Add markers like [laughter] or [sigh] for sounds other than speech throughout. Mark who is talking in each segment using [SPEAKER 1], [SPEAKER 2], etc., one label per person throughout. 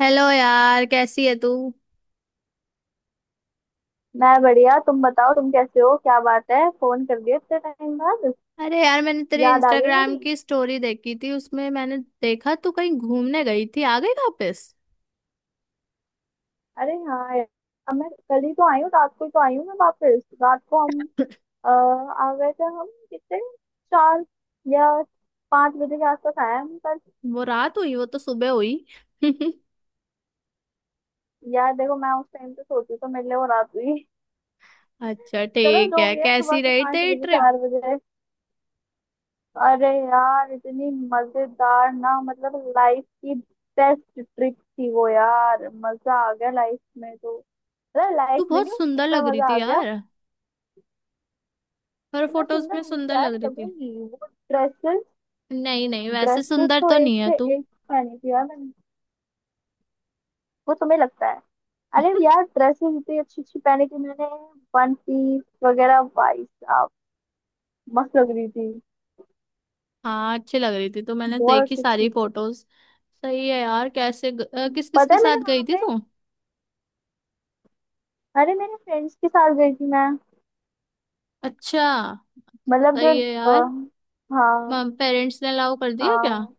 [SPEAKER 1] Hello यार, कैसी है तू?
[SPEAKER 2] मैं बढ़िया। तुम बताओ, तुम कैसे हो? क्या बात है, फोन कर दिया इतने टाइम बाद।
[SPEAKER 1] अरे यार, मैंने तेरे
[SPEAKER 2] याद आ गई
[SPEAKER 1] इंस्टाग्राम
[SPEAKER 2] मेरी।
[SPEAKER 1] की स्टोरी देखी थी, उसमें मैंने देखा तू कहीं घूमने गई थी, आ गई वापस?
[SPEAKER 2] अरे हाँ यार। अब मैं कल ही तो आई हूँ, रात को ही तो आई हूँ मैं वापस। रात को हम आ गए थे। हम कितने 4 या 5 बजे के आसपास आए हम। पर
[SPEAKER 1] वो रात हुई? वो तो सुबह हुई। [laughs]
[SPEAKER 2] यार देखो, मैं उस टाइम पे सोती तो मेरे लिए वो रात हुई।
[SPEAKER 1] अच्छा
[SPEAKER 2] चलो
[SPEAKER 1] ठीक
[SPEAKER 2] जो
[SPEAKER 1] है,
[SPEAKER 2] भी है,
[SPEAKER 1] कैसी
[SPEAKER 2] सुबह के
[SPEAKER 1] रही
[SPEAKER 2] पाँच
[SPEAKER 1] तेरी
[SPEAKER 2] बजे
[SPEAKER 1] ट्रिप?
[SPEAKER 2] चार बजे अरे यार, इतनी मजेदार ना, मतलब लाइफ की बेस्ट ट्रिप थी वो यार। मजा आ गया लाइफ में तो। अरे
[SPEAKER 1] तू
[SPEAKER 2] लाइफ में
[SPEAKER 1] बहुत
[SPEAKER 2] नहीं, उस
[SPEAKER 1] सुंदर
[SPEAKER 2] ट्रिप में
[SPEAKER 1] लग रही
[SPEAKER 2] मजा
[SPEAKER 1] थी
[SPEAKER 2] आ गया।
[SPEAKER 1] यार। हर
[SPEAKER 2] तो मैं
[SPEAKER 1] फोटोज
[SPEAKER 2] सुंदर
[SPEAKER 1] में
[SPEAKER 2] हूँ
[SPEAKER 1] सुंदर
[SPEAKER 2] यार,
[SPEAKER 1] लग
[SPEAKER 2] मैं
[SPEAKER 1] रही थी।
[SPEAKER 2] लगूंगी वो ड्रेसेस।
[SPEAKER 1] नहीं नहीं, वैसे
[SPEAKER 2] ड्रेसेस
[SPEAKER 1] सुंदर
[SPEAKER 2] तो
[SPEAKER 1] तो
[SPEAKER 2] एक
[SPEAKER 1] नहीं है
[SPEAKER 2] से
[SPEAKER 1] तू।
[SPEAKER 2] एक पहनी थी यार मैंने। वो तुम्हें लगता है। अरे
[SPEAKER 1] [laughs]
[SPEAKER 2] यार, ड्रेसेस इतनी अच्छी अच्छी पहनी थी मैंने। वन पीस वगैरह भाई साहब, मस्त लग रही थी।
[SPEAKER 1] हाँ अच्छी लग रही थी तो मैंने
[SPEAKER 2] बहुत
[SPEAKER 1] देखी
[SPEAKER 2] अच्छी
[SPEAKER 1] सारी
[SPEAKER 2] अच्छी।
[SPEAKER 1] फोटोज। सही है यार। किस किस
[SPEAKER 2] पता
[SPEAKER 1] के
[SPEAKER 2] है,
[SPEAKER 1] साथ
[SPEAKER 2] मैंने
[SPEAKER 1] गई
[SPEAKER 2] वहां
[SPEAKER 1] थी
[SPEAKER 2] पे,
[SPEAKER 1] तू?
[SPEAKER 2] अरे मेरे फ्रेंड्स के साथ गई थी मैं।
[SPEAKER 1] अच्छा।
[SPEAKER 2] मतलब जो
[SPEAKER 1] सही है यार।
[SPEAKER 2] हाँ।
[SPEAKER 1] पेरेंट्स ने अलाउ कर दिया क्या?
[SPEAKER 2] हाँ,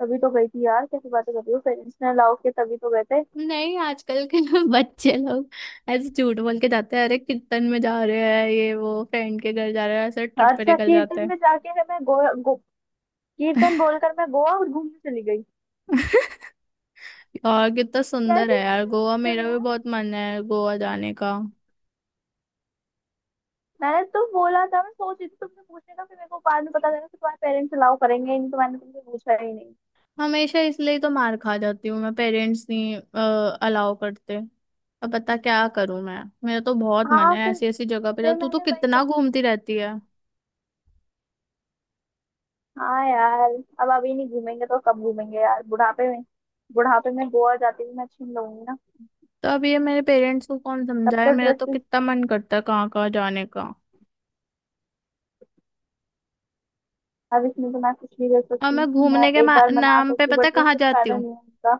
[SPEAKER 2] तभी तो गई थी यार। कैसी बातें कर रही हो, पेरेंट्स ने अलाउ किया तभी तो गए थे।
[SPEAKER 1] नहीं, आजकल के [laughs] बच्चे लोग ऐसे झूठ बोल के जाते हैं। अरे, कीर्तन में जा रहे हैं, ये वो फ्रेंड के घर जा रहे हैं, ऐसे ट्रिप पे
[SPEAKER 2] अच्छा
[SPEAKER 1] निकल जाते
[SPEAKER 2] कीर्तन
[SPEAKER 1] हैं।
[SPEAKER 2] में जाके है, मैं गोवा कीर्तन बोलकर मैं गोवा और घूमने चली गई।
[SPEAKER 1] और कितना सुंदर
[SPEAKER 2] कैसी
[SPEAKER 1] है यार
[SPEAKER 2] बातें
[SPEAKER 1] गोवा,
[SPEAKER 2] करते हो
[SPEAKER 1] मेरा भी
[SPEAKER 2] यार।
[SPEAKER 1] बहुत मन है गोवा जाने का।
[SPEAKER 2] मैंने तो बोला था, मैं सोच रही थी तुमसे पूछने का, फिर मेरे को बाद में पता चला कि तुम्हारे पेरेंट्स अलाउ करेंगे ही नहीं, तो मैंने तुमसे पूछा ही नहीं।
[SPEAKER 1] हमेशा इसलिए तो मार खा जाती हूँ मैं, पेरेंट्स नहीं अलाउ करते। अब बता क्या करूँ मैं, मेरा तो बहुत मन
[SPEAKER 2] हाँ
[SPEAKER 1] है
[SPEAKER 2] फिर।
[SPEAKER 1] ऐसी ऐसी जगह पे जा,
[SPEAKER 2] फिर
[SPEAKER 1] तू तो
[SPEAKER 2] मैंने वही
[SPEAKER 1] कितना
[SPEAKER 2] कहा।
[SPEAKER 1] घूमती रहती है।
[SPEAKER 2] हाँ यार, अब अभी नहीं घूमेंगे तो कब घूमेंगे यार, बुढ़ापे में? बुढ़ापे में गोवा जाती हुई मैं छीन लूंगी ना।
[SPEAKER 1] तो अब ये मेरे पेरेंट्स को कौन
[SPEAKER 2] तब
[SPEAKER 1] समझाए,
[SPEAKER 2] तो
[SPEAKER 1] मेरा तो
[SPEAKER 2] ड्रेस,
[SPEAKER 1] कितना मन करता है कहाँ कहाँ जाने का।
[SPEAKER 2] अब इसमें तो मैं कुछ नहीं कर
[SPEAKER 1] और मैं
[SPEAKER 2] सकती। मैं
[SPEAKER 1] घूमने के
[SPEAKER 2] एक बार मना
[SPEAKER 1] नाम पे
[SPEAKER 2] सकती
[SPEAKER 1] पता है
[SPEAKER 2] बट वो
[SPEAKER 1] कहाँ
[SPEAKER 2] कुछ
[SPEAKER 1] जाती
[SPEAKER 2] फायदा
[SPEAKER 1] हूँ?
[SPEAKER 2] नहीं होता।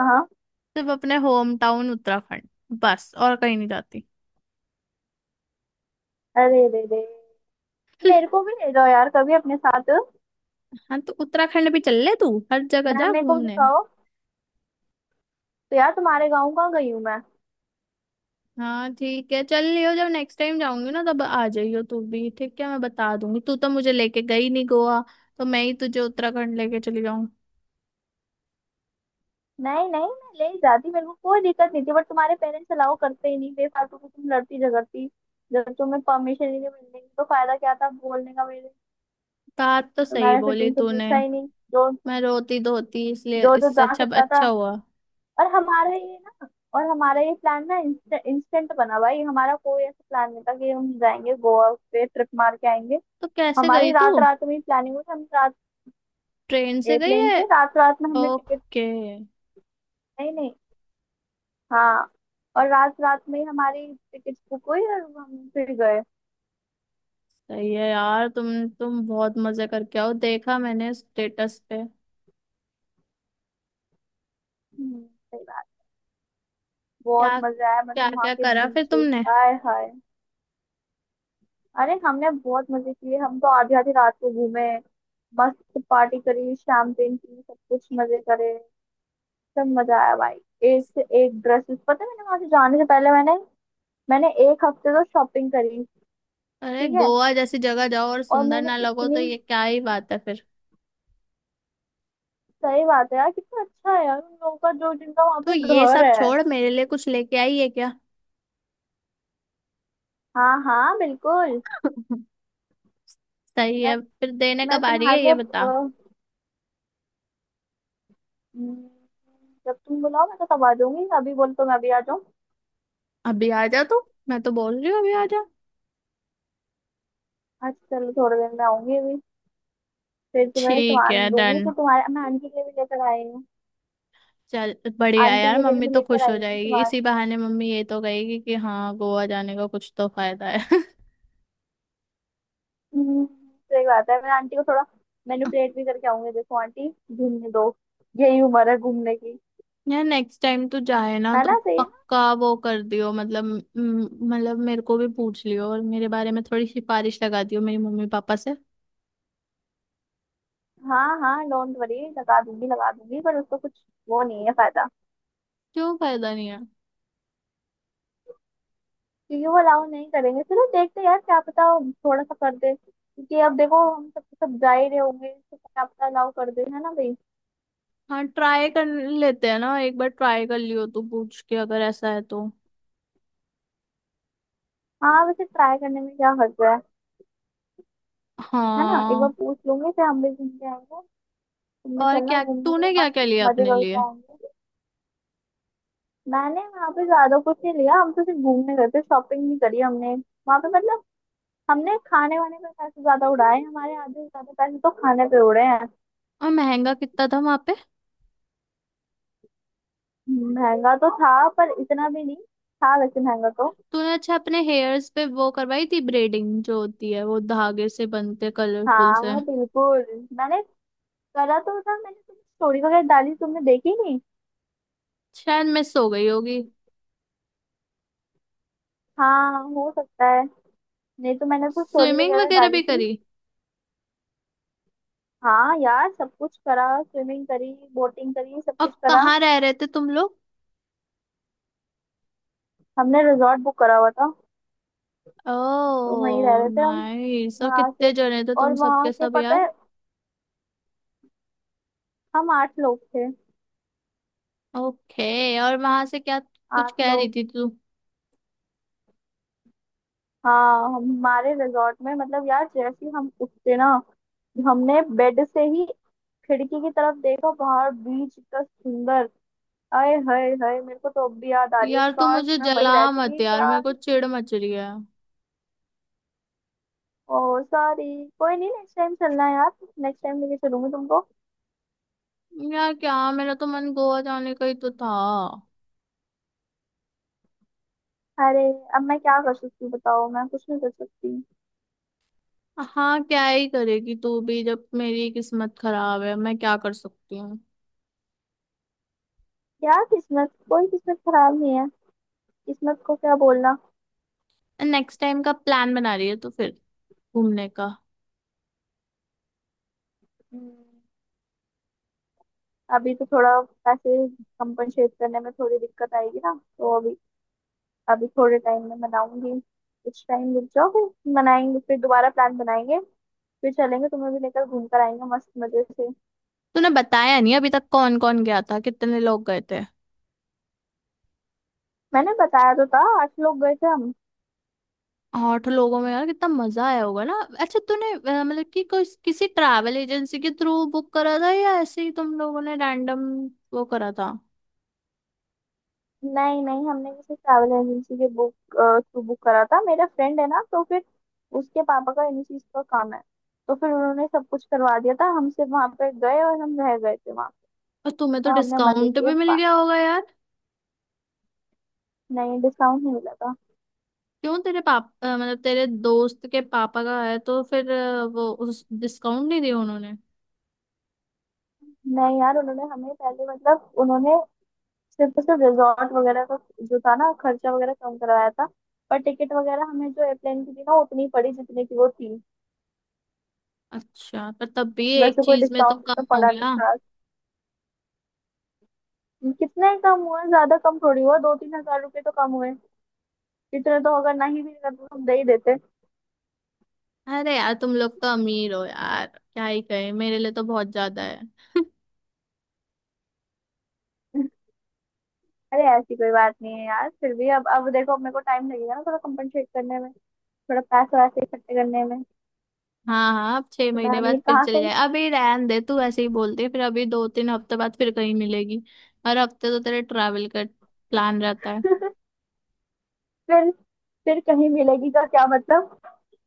[SPEAKER 2] हाँ।
[SPEAKER 1] सिर्फ अपने होम टाउन उत्तराखंड। बस और कहीं नहीं जाती।
[SPEAKER 2] अरे रे रे। मेरे को भी ले जाओ यार कभी अपने साथ।
[SPEAKER 1] हाँ तो उत्तराखंड भी चल ले, तू हर जगह
[SPEAKER 2] मैम
[SPEAKER 1] जा
[SPEAKER 2] मेरे को भी
[SPEAKER 1] घूमने।
[SPEAKER 2] दिखाओ, तो यार तुम्हारे गाँव कहाँ गई हूँ मैं?
[SPEAKER 1] हाँ ठीक है, चल लियो, जब नेक्स्ट टाइम जाऊंगी ना तब आ जाइयो तू भी, ठीक है, मैं बता दूंगी। तू तो मुझे लेके गई नहीं गोवा, तो मैं ही तुझे उत्तराखंड लेके चली जाऊं।
[SPEAKER 2] नहीं नहीं, मैं ले ही जाती, मेरे को कोई दिक्कत नहीं थी, बट तुम्हारे पेरेंट्स अलाउ करते ही नहीं, बेफालतू की तुम लड़ती झगड़ती। जब तुम्हें परमिशन ही नहीं मिलने की तो फायदा क्या था बोलने का मेरे।
[SPEAKER 1] बात तो
[SPEAKER 2] तो
[SPEAKER 1] सही
[SPEAKER 2] मैंने फिर
[SPEAKER 1] बोली
[SPEAKER 2] तुमसे
[SPEAKER 1] तूने।
[SPEAKER 2] पूछा ही नहीं। जो
[SPEAKER 1] मैं रोती धोती इसलिए,
[SPEAKER 2] जो जो
[SPEAKER 1] इससे
[SPEAKER 2] जा
[SPEAKER 1] अच्छा
[SPEAKER 2] सकता था।
[SPEAKER 1] अच्छा हुआ।
[SPEAKER 2] और हमारा ये ना। और हमारा ये प्लान ना, इंस्टेंट बना भाई। हमारा कोई ऐसा प्लान नहीं था कि हम जाएंगे गोवा पे ट्रिप मार के आएंगे।
[SPEAKER 1] तो कैसे
[SPEAKER 2] हमारी
[SPEAKER 1] गई तू?
[SPEAKER 2] रात रात में ही प्लानिंग हुई। हम रात
[SPEAKER 1] ट्रेन से गई
[SPEAKER 2] एयरप्लेन
[SPEAKER 1] है?
[SPEAKER 2] से रात रात में हमने टिकट,
[SPEAKER 1] ओके।
[SPEAKER 2] नहीं नहीं। हाँ, और रात रात में ही हमारी टिकट बुक हुई और हम फिर गए।
[SPEAKER 1] सही है यार, तुम बहुत मजे करके आओ, देखा मैंने स्टेटस पे।
[SPEAKER 2] सही बात। बहुत
[SPEAKER 1] क्या
[SPEAKER 2] मजा आया,
[SPEAKER 1] क्या
[SPEAKER 2] मतलब वहाँ
[SPEAKER 1] क्या
[SPEAKER 2] के
[SPEAKER 1] करा फिर
[SPEAKER 2] बीचेस,
[SPEAKER 1] तुमने?
[SPEAKER 2] आय हाय। अरे हमने बहुत मजे किए, हम तो आधी आधी रात को घूमे। मस्त पार्टी करी, शैम्पेन पी, सब कुछ मजे करे। सब मजा आया भाई। एक से एक ड्रेसेस, पता है मैंने वहां से जाने से पहले मैंने, मैंने एक हफ्ते तो शॉपिंग करी।
[SPEAKER 1] अरे
[SPEAKER 2] ठीक है।
[SPEAKER 1] गोवा जैसी जगह जाओ और
[SPEAKER 2] और
[SPEAKER 1] सुंदर
[SPEAKER 2] मैंने
[SPEAKER 1] ना लगो
[SPEAKER 2] इतनी,
[SPEAKER 1] तो ये क्या ही बात है फिर।
[SPEAKER 2] सही बात है यार, कितना अच्छा है यार उन लोगों का जो जिनका वहां
[SPEAKER 1] तू
[SPEAKER 2] पे
[SPEAKER 1] ये
[SPEAKER 2] घर
[SPEAKER 1] सब
[SPEAKER 2] है।
[SPEAKER 1] छोड़, मेरे लिए कुछ लेके आई है क्या?
[SPEAKER 2] हाँ हाँ बिल्कुल।
[SPEAKER 1] [laughs] सही
[SPEAKER 2] मैं
[SPEAKER 1] है, फिर देने
[SPEAKER 2] मैं
[SPEAKER 1] कब आ रही है,
[SPEAKER 2] तुम्हारे लिए
[SPEAKER 1] ये बता।
[SPEAKER 2] हम्म, जब तुम बुलाओ मैं तो तब आ जाऊंगी। अभी बोल तो मैं अभी आ जाऊँ।
[SPEAKER 1] अभी आ जा तू, मैं तो बोल रही हूँ अभी आ जा।
[SPEAKER 2] अच्छा चलो, थोड़ी देर में आऊंगी अभी। फिर तुम्हें
[SPEAKER 1] ठीक है,
[SPEAKER 2] सामान दूंगी,
[SPEAKER 1] डन।
[SPEAKER 2] तो तुम्हारे, मैं आंटी के लिए भी लेकर आई हूँ।
[SPEAKER 1] चल। बढ़िया है
[SPEAKER 2] आंटी
[SPEAKER 1] यार,
[SPEAKER 2] के लिए
[SPEAKER 1] मम्मी
[SPEAKER 2] भी
[SPEAKER 1] तो
[SPEAKER 2] लेकर
[SPEAKER 1] खुश
[SPEAKER 2] आई
[SPEAKER 1] हो
[SPEAKER 2] हूँ
[SPEAKER 1] जाएगी,
[SPEAKER 2] सामान।
[SPEAKER 1] इसी बहाने मम्मी ये तो कहेगी कि हाँ गोवा जाने का कुछ तो फायदा है। [laughs]
[SPEAKER 2] सही बात है। मैं आंटी को थोड़ा मैनिपुलेट भी करके आऊंगी। देखो आंटी, घूमने दो, यही उम्र है घूमने की,
[SPEAKER 1] यार नेक्स्ट टाइम तो जाए ना
[SPEAKER 2] है
[SPEAKER 1] तो
[SPEAKER 2] ना, सही है ना।
[SPEAKER 1] पक्का वो कर दियो, मतलब मतलब मेरे को भी पूछ लियो और मेरे बारे में थोड़ी सिफारिश लगा दियो मेरी मम्मी पापा से।
[SPEAKER 2] हाँ हाँ, डोंट वरी, लगा दूंगी लगा दूंगी, पर उसको कुछ वो नहीं है फायदा।
[SPEAKER 1] क्यों फायदा नहीं है?
[SPEAKER 2] क्योंकि वो अलाउ नहीं करेंगे। चलो देखते हैं यार, क्या पता थोड़ा सा कर दे, क्योंकि अब देखो, हम सब सब जा ही रहे होंगे, तो क्या पता अलाउ कर दे, है ना भाई?
[SPEAKER 1] हाँ ट्राई कर लेते हैं ना, एक बार ट्राई कर लियो तू, पूछ के अगर ऐसा है तो।
[SPEAKER 2] हाँ, वैसे ट्राई करने में क्या हर्ज है ना? एक बार
[SPEAKER 1] हाँ।
[SPEAKER 2] पूछ लूंगी, फिर हम भी घूम के आएंगे। तुम भी
[SPEAKER 1] और
[SPEAKER 2] चलना
[SPEAKER 1] क्या
[SPEAKER 2] घूमने के लिए,
[SPEAKER 1] तूने क्या क्या
[SPEAKER 2] मस्त
[SPEAKER 1] लिया
[SPEAKER 2] मजे
[SPEAKER 1] अपने
[SPEAKER 2] करके
[SPEAKER 1] लिए?
[SPEAKER 2] आएंगे। मैंने वहां पे ज्यादा कुछ नहीं लिया, हम तो सिर्फ घूमने गए थे, शॉपिंग नहीं करी हमने वहां पे, मतलब। हमने खाने वाने पे पैसे ज्यादा उड़ाए, हमारे आधे से ज्यादा पैसे तो खाने पे उड़े हैं।
[SPEAKER 1] और महंगा कितना था वहां पे?
[SPEAKER 2] महंगा तो था, पर इतना भी नहीं था वैसे, महंगा तो।
[SPEAKER 1] तूने अच्छा अपने हेयर्स पे वो करवाई थी ब्रेडिंग जो होती है वो, धागे से बनते कलरफुल से?
[SPEAKER 2] हाँ बिल्कुल, मैंने करा तो था। मैंने तुम्हें स्टोरी वगैरह डाली, तुमने देखी नहीं?
[SPEAKER 1] शायद मिस हो गई होगी।
[SPEAKER 2] हाँ हो सकता है। नहीं, तो मैंने तो स्टोरी
[SPEAKER 1] स्विमिंग
[SPEAKER 2] वगैरह
[SPEAKER 1] वगैरह
[SPEAKER 2] डाली
[SPEAKER 1] भी
[SPEAKER 2] थी।
[SPEAKER 1] करी?
[SPEAKER 2] हाँ यार, सब कुछ करा, स्विमिंग करी बोटिंग करी सब
[SPEAKER 1] और
[SPEAKER 2] कुछ करा।
[SPEAKER 1] कहाँ रह रहे थे तुम लोग?
[SPEAKER 2] हमने रिजॉर्ट बुक करा हुआ था, तो वहीं रह
[SPEAKER 1] ओह
[SPEAKER 2] रहे थे हम।
[SPEAKER 1] नाइस, और
[SPEAKER 2] वहां से,
[SPEAKER 1] कितने जने थे
[SPEAKER 2] और
[SPEAKER 1] तुम,
[SPEAKER 2] वहां
[SPEAKER 1] सबके
[SPEAKER 2] के
[SPEAKER 1] सब
[SPEAKER 2] पता
[SPEAKER 1] यार?
[SPEAKER 2] है, हम 8 लोग थे।
[SPEAKER 1] ओके, और वहां से क्या कुछ
[SPEAKER 2] आठ
[SPEAKER 1] कह रही
[SPEAKER 2] लोग
[SPEAKER 1] थी तू?
[SPEAKER 2] हाँ हमारे रिजॉर्ट में, मतलब यार जैसे ही हम उठते ना, हमने बेड से ही खिड़की की तरफ देखा, बाहर बीच इतना सुंदर। आए हाय हाय, मेरे को तो अब भी याद आ रही है,
[SPEAKER 1] यार तू
[SPEAKER 2] काश
[SPEAKER 1] मुझे
[SPEAKER 2] मैं वहीं
[SPEAKER 1] जला मत
[SPEAKER 2] रहती
[SPEAKER 1] यार, मेरे
[SPEAKER 2] यार।
[SPEAKER 1] को चिढ़ मच रही है।
[SPEAKER 2] ओ सॉरी। कोई नहीं, नेक्स्ट टाइम चलना है यार, नेक्स्ट टाइम लेके चलूंगी तुमको।
[SPEAKER 1] यार क्या, मेरा तो मन गोवा जाने का ही तो था।
[SPEAKER 2] अरे, अब मैं क्या कर सकती हूँ बताओ, मैं कुछ नहीं कर सकती।
[SPEAKER 1] हाँ क्या ही करेगी तू भी, जब मेरी किस्मत खराब है मैं क्या कर सकती हूँ।
[SPEAKER 2] यार किस्मत, कोई किस्मत खराब नहीं है, किस्मत को क्या बोलना।
[SPEAKER 1] नेक्स्ट टाइम का प्लान बना रही है तो फिर, घूमने का?
[SPEAKER 2] हम्म, अभी तो थोड़ा पैसे कंपनसेट करने में थोड़ी दिक्कत आएगी ना, तो अभी, अभी थोड़े टाइम में मनाऊंगी। कुछ टाइम रुक जाओ, फिर मनाएंगे, फिर दोबारा प्लान बनाएंगे, फिर चलेंगे, तुम्हें भी लेकर घूम कर आएंगे मस्त मजे से।
[SPEAKER 1] तूने बताया नहीं अभी तक कौन कौन गया था, कितने लोग गए थे?
[SPEAKER 2] मैंने बताया तो था, 8 लोग गए थे हम।
[SPEAKER 1] आठ लोगों में यार कितना मजा आया होगा ना। अच्छा तूने मतलब कि कोई किसी ट्रैवल एजेंसी के थ्रू बुक करा था, या ऐसे ही तुम लोगों ने रैंडम वो करा था?
[SPEAKER 2] नहीं नहीं, हमने किसी ट्रैवल एजेंसी के बुक थ्रू बुक करा था। मेरा फ्रेंड है ना, तो फिर उसके पापा का इन्हीं चीज का काम है, तो फिर उन्होंने सब कुछ करवा दिया था, हम सिर्फ वहां पर गए और हम रह गए थे वहाँ,
[SPEAKER 1] और तुम्हें तो
[SPEAKER 2] और हमने मजे
[SPEAKER 1] डिस्काउंट
[SPEAKER 2] किए
[SPEAKER 1] भी मिल गया
[SPEAKER 2] बस।
[SPEAKER 1] होगा यार।
[SPEAKER 2] नहीं, डिस्काउंट नहीं मिला था।
[SPEAKER 1] क्यों, मतलब तेरे दोस्त के पापा का है तो फिर वो उस डिस्काउंट नहीं दिया उन्होंने?
[SPEAKER 2] नहीं यार, उन्होंने हमें पहले, मतलब उन्होंने सिर्फ और सिर्फ रिजॉर्ट वगैरह का जो था ना खर्चा वगैरह कम करवाया था, पर टिकट वगैरह हमें जो एयरप्लेन की थी ना उतनी पड़ी जितने की वो थी।
[SPEAKER 1] अच्छा पर तब भी एक
[SPEAKER 2] वैसे कोई
[SPEAKER 1] चीज में तो
[SPEAKER 2] डिस्काउंट
[SPEAKER 1] कम
[SPEAKER 2] तो
[SPEAKER 1] हो
[SPEAKER 2] पड़ा नहीं
[SPEAKER 1] गया।
[SPEAKER 2] खास। कितने कम हुआ, ज्यादा कम थोड़ी हुआ, 2-3 हजार रुपए तो कम हुए। इतने तो अगर नहीं भी करते तो हम दे ही देते।
[SPEAKER 1] अरे यार तुम लोग तो अमीर हो यार, क्या ही कहे, मेरे लिए तो बहुत ज्यादा है।
[SPEAKER 2] [laughs] अरे ऐसी कोई बात नहीं है यार, फिर भी अब देखो अपने को टाइम लगेगा ना थोड़ा कंपनसेट करने में, थोड़ा पैसे वैसे इकट्ठे करने में।
[SPEAKER 1] हाँ हाँ, अब छह
[SPEAKER 2] तो मैं
[SPEAKER 1] महीने बाद
[SPEAKER 2] अमीर
[SPEAKER 1] फिर
[SPEAKER 2] कहाँ से
[SPEAKER 1] चले
[SPEAKER 2] हुई?
[SPEAKER 1] जाए, अभी रहन दे तू ऐसे ही बोलते है फिर अभी 2-3 हफ्ते बाद फिर कहीं मिलेगी। हर हफ्ते तो तेरे ट्रैवल का प्लान रहता है।
[SPEAKER 2] [laughs] फिर फिर कहीं मिलेगी का क्या मतलब?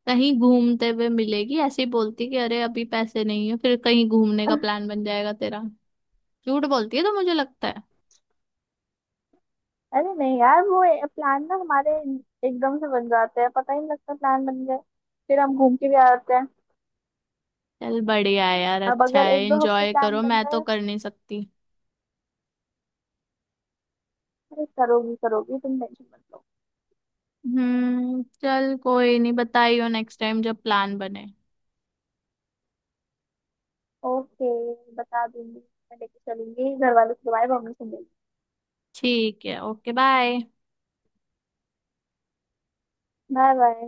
[SPEAKER 1] कहीं घूमते हुए मिलेगी, ऐसे ही बोलती कि अरे अभी पैसे नहीं है, फिर कहीं घूमने का प्लान बन जाएगा तेरा। झूठ बोलती है तो, मुझे लगता है।
[SPEAKER 2] अरे नहीं यार, वो प्लान ना हमारे एकदम से बन जाते हैं, पता ही नहीं लगता, प्लान बन गए फिर हम घूम के भी आ जाते हैं।
[SPEAKER 1] चल बढ़िया है यार,
[SPEAKER 2] अब
[SPEAKER 1] अच्छा
[SPEAKER 2] अगर
[SPEAKER 1] है,
[SPEAKER 2] एक दो हफ्ते
[SPEAKER 1] एंजॉय
[SPEAKER 2] प्लान
[SPEAKER 1] करो, मैं
[SPEAKER 2] बनता
[SPEAKER 1] तो
[SPEAKER 2] है,
[SPEAKER 1] कर नहीं सकती।
[SPEAKER 2] अरे करोगी करोगी, तुम टेंशन मत लो।
[SPEAKER 1] हम्म, चल कोई नहीं, बताइयो नेक्स्ट टाइम जब प्लान बने।
[SPEAKER 2] ओके, बता दूंगी मैं, लेके चलूंगी, घर वालों से तुम्हारी परमिशन लेंगी।
[SPEAKER 1] ठीक है, ओके बाय।
[SPEAKER 2] Bye bye.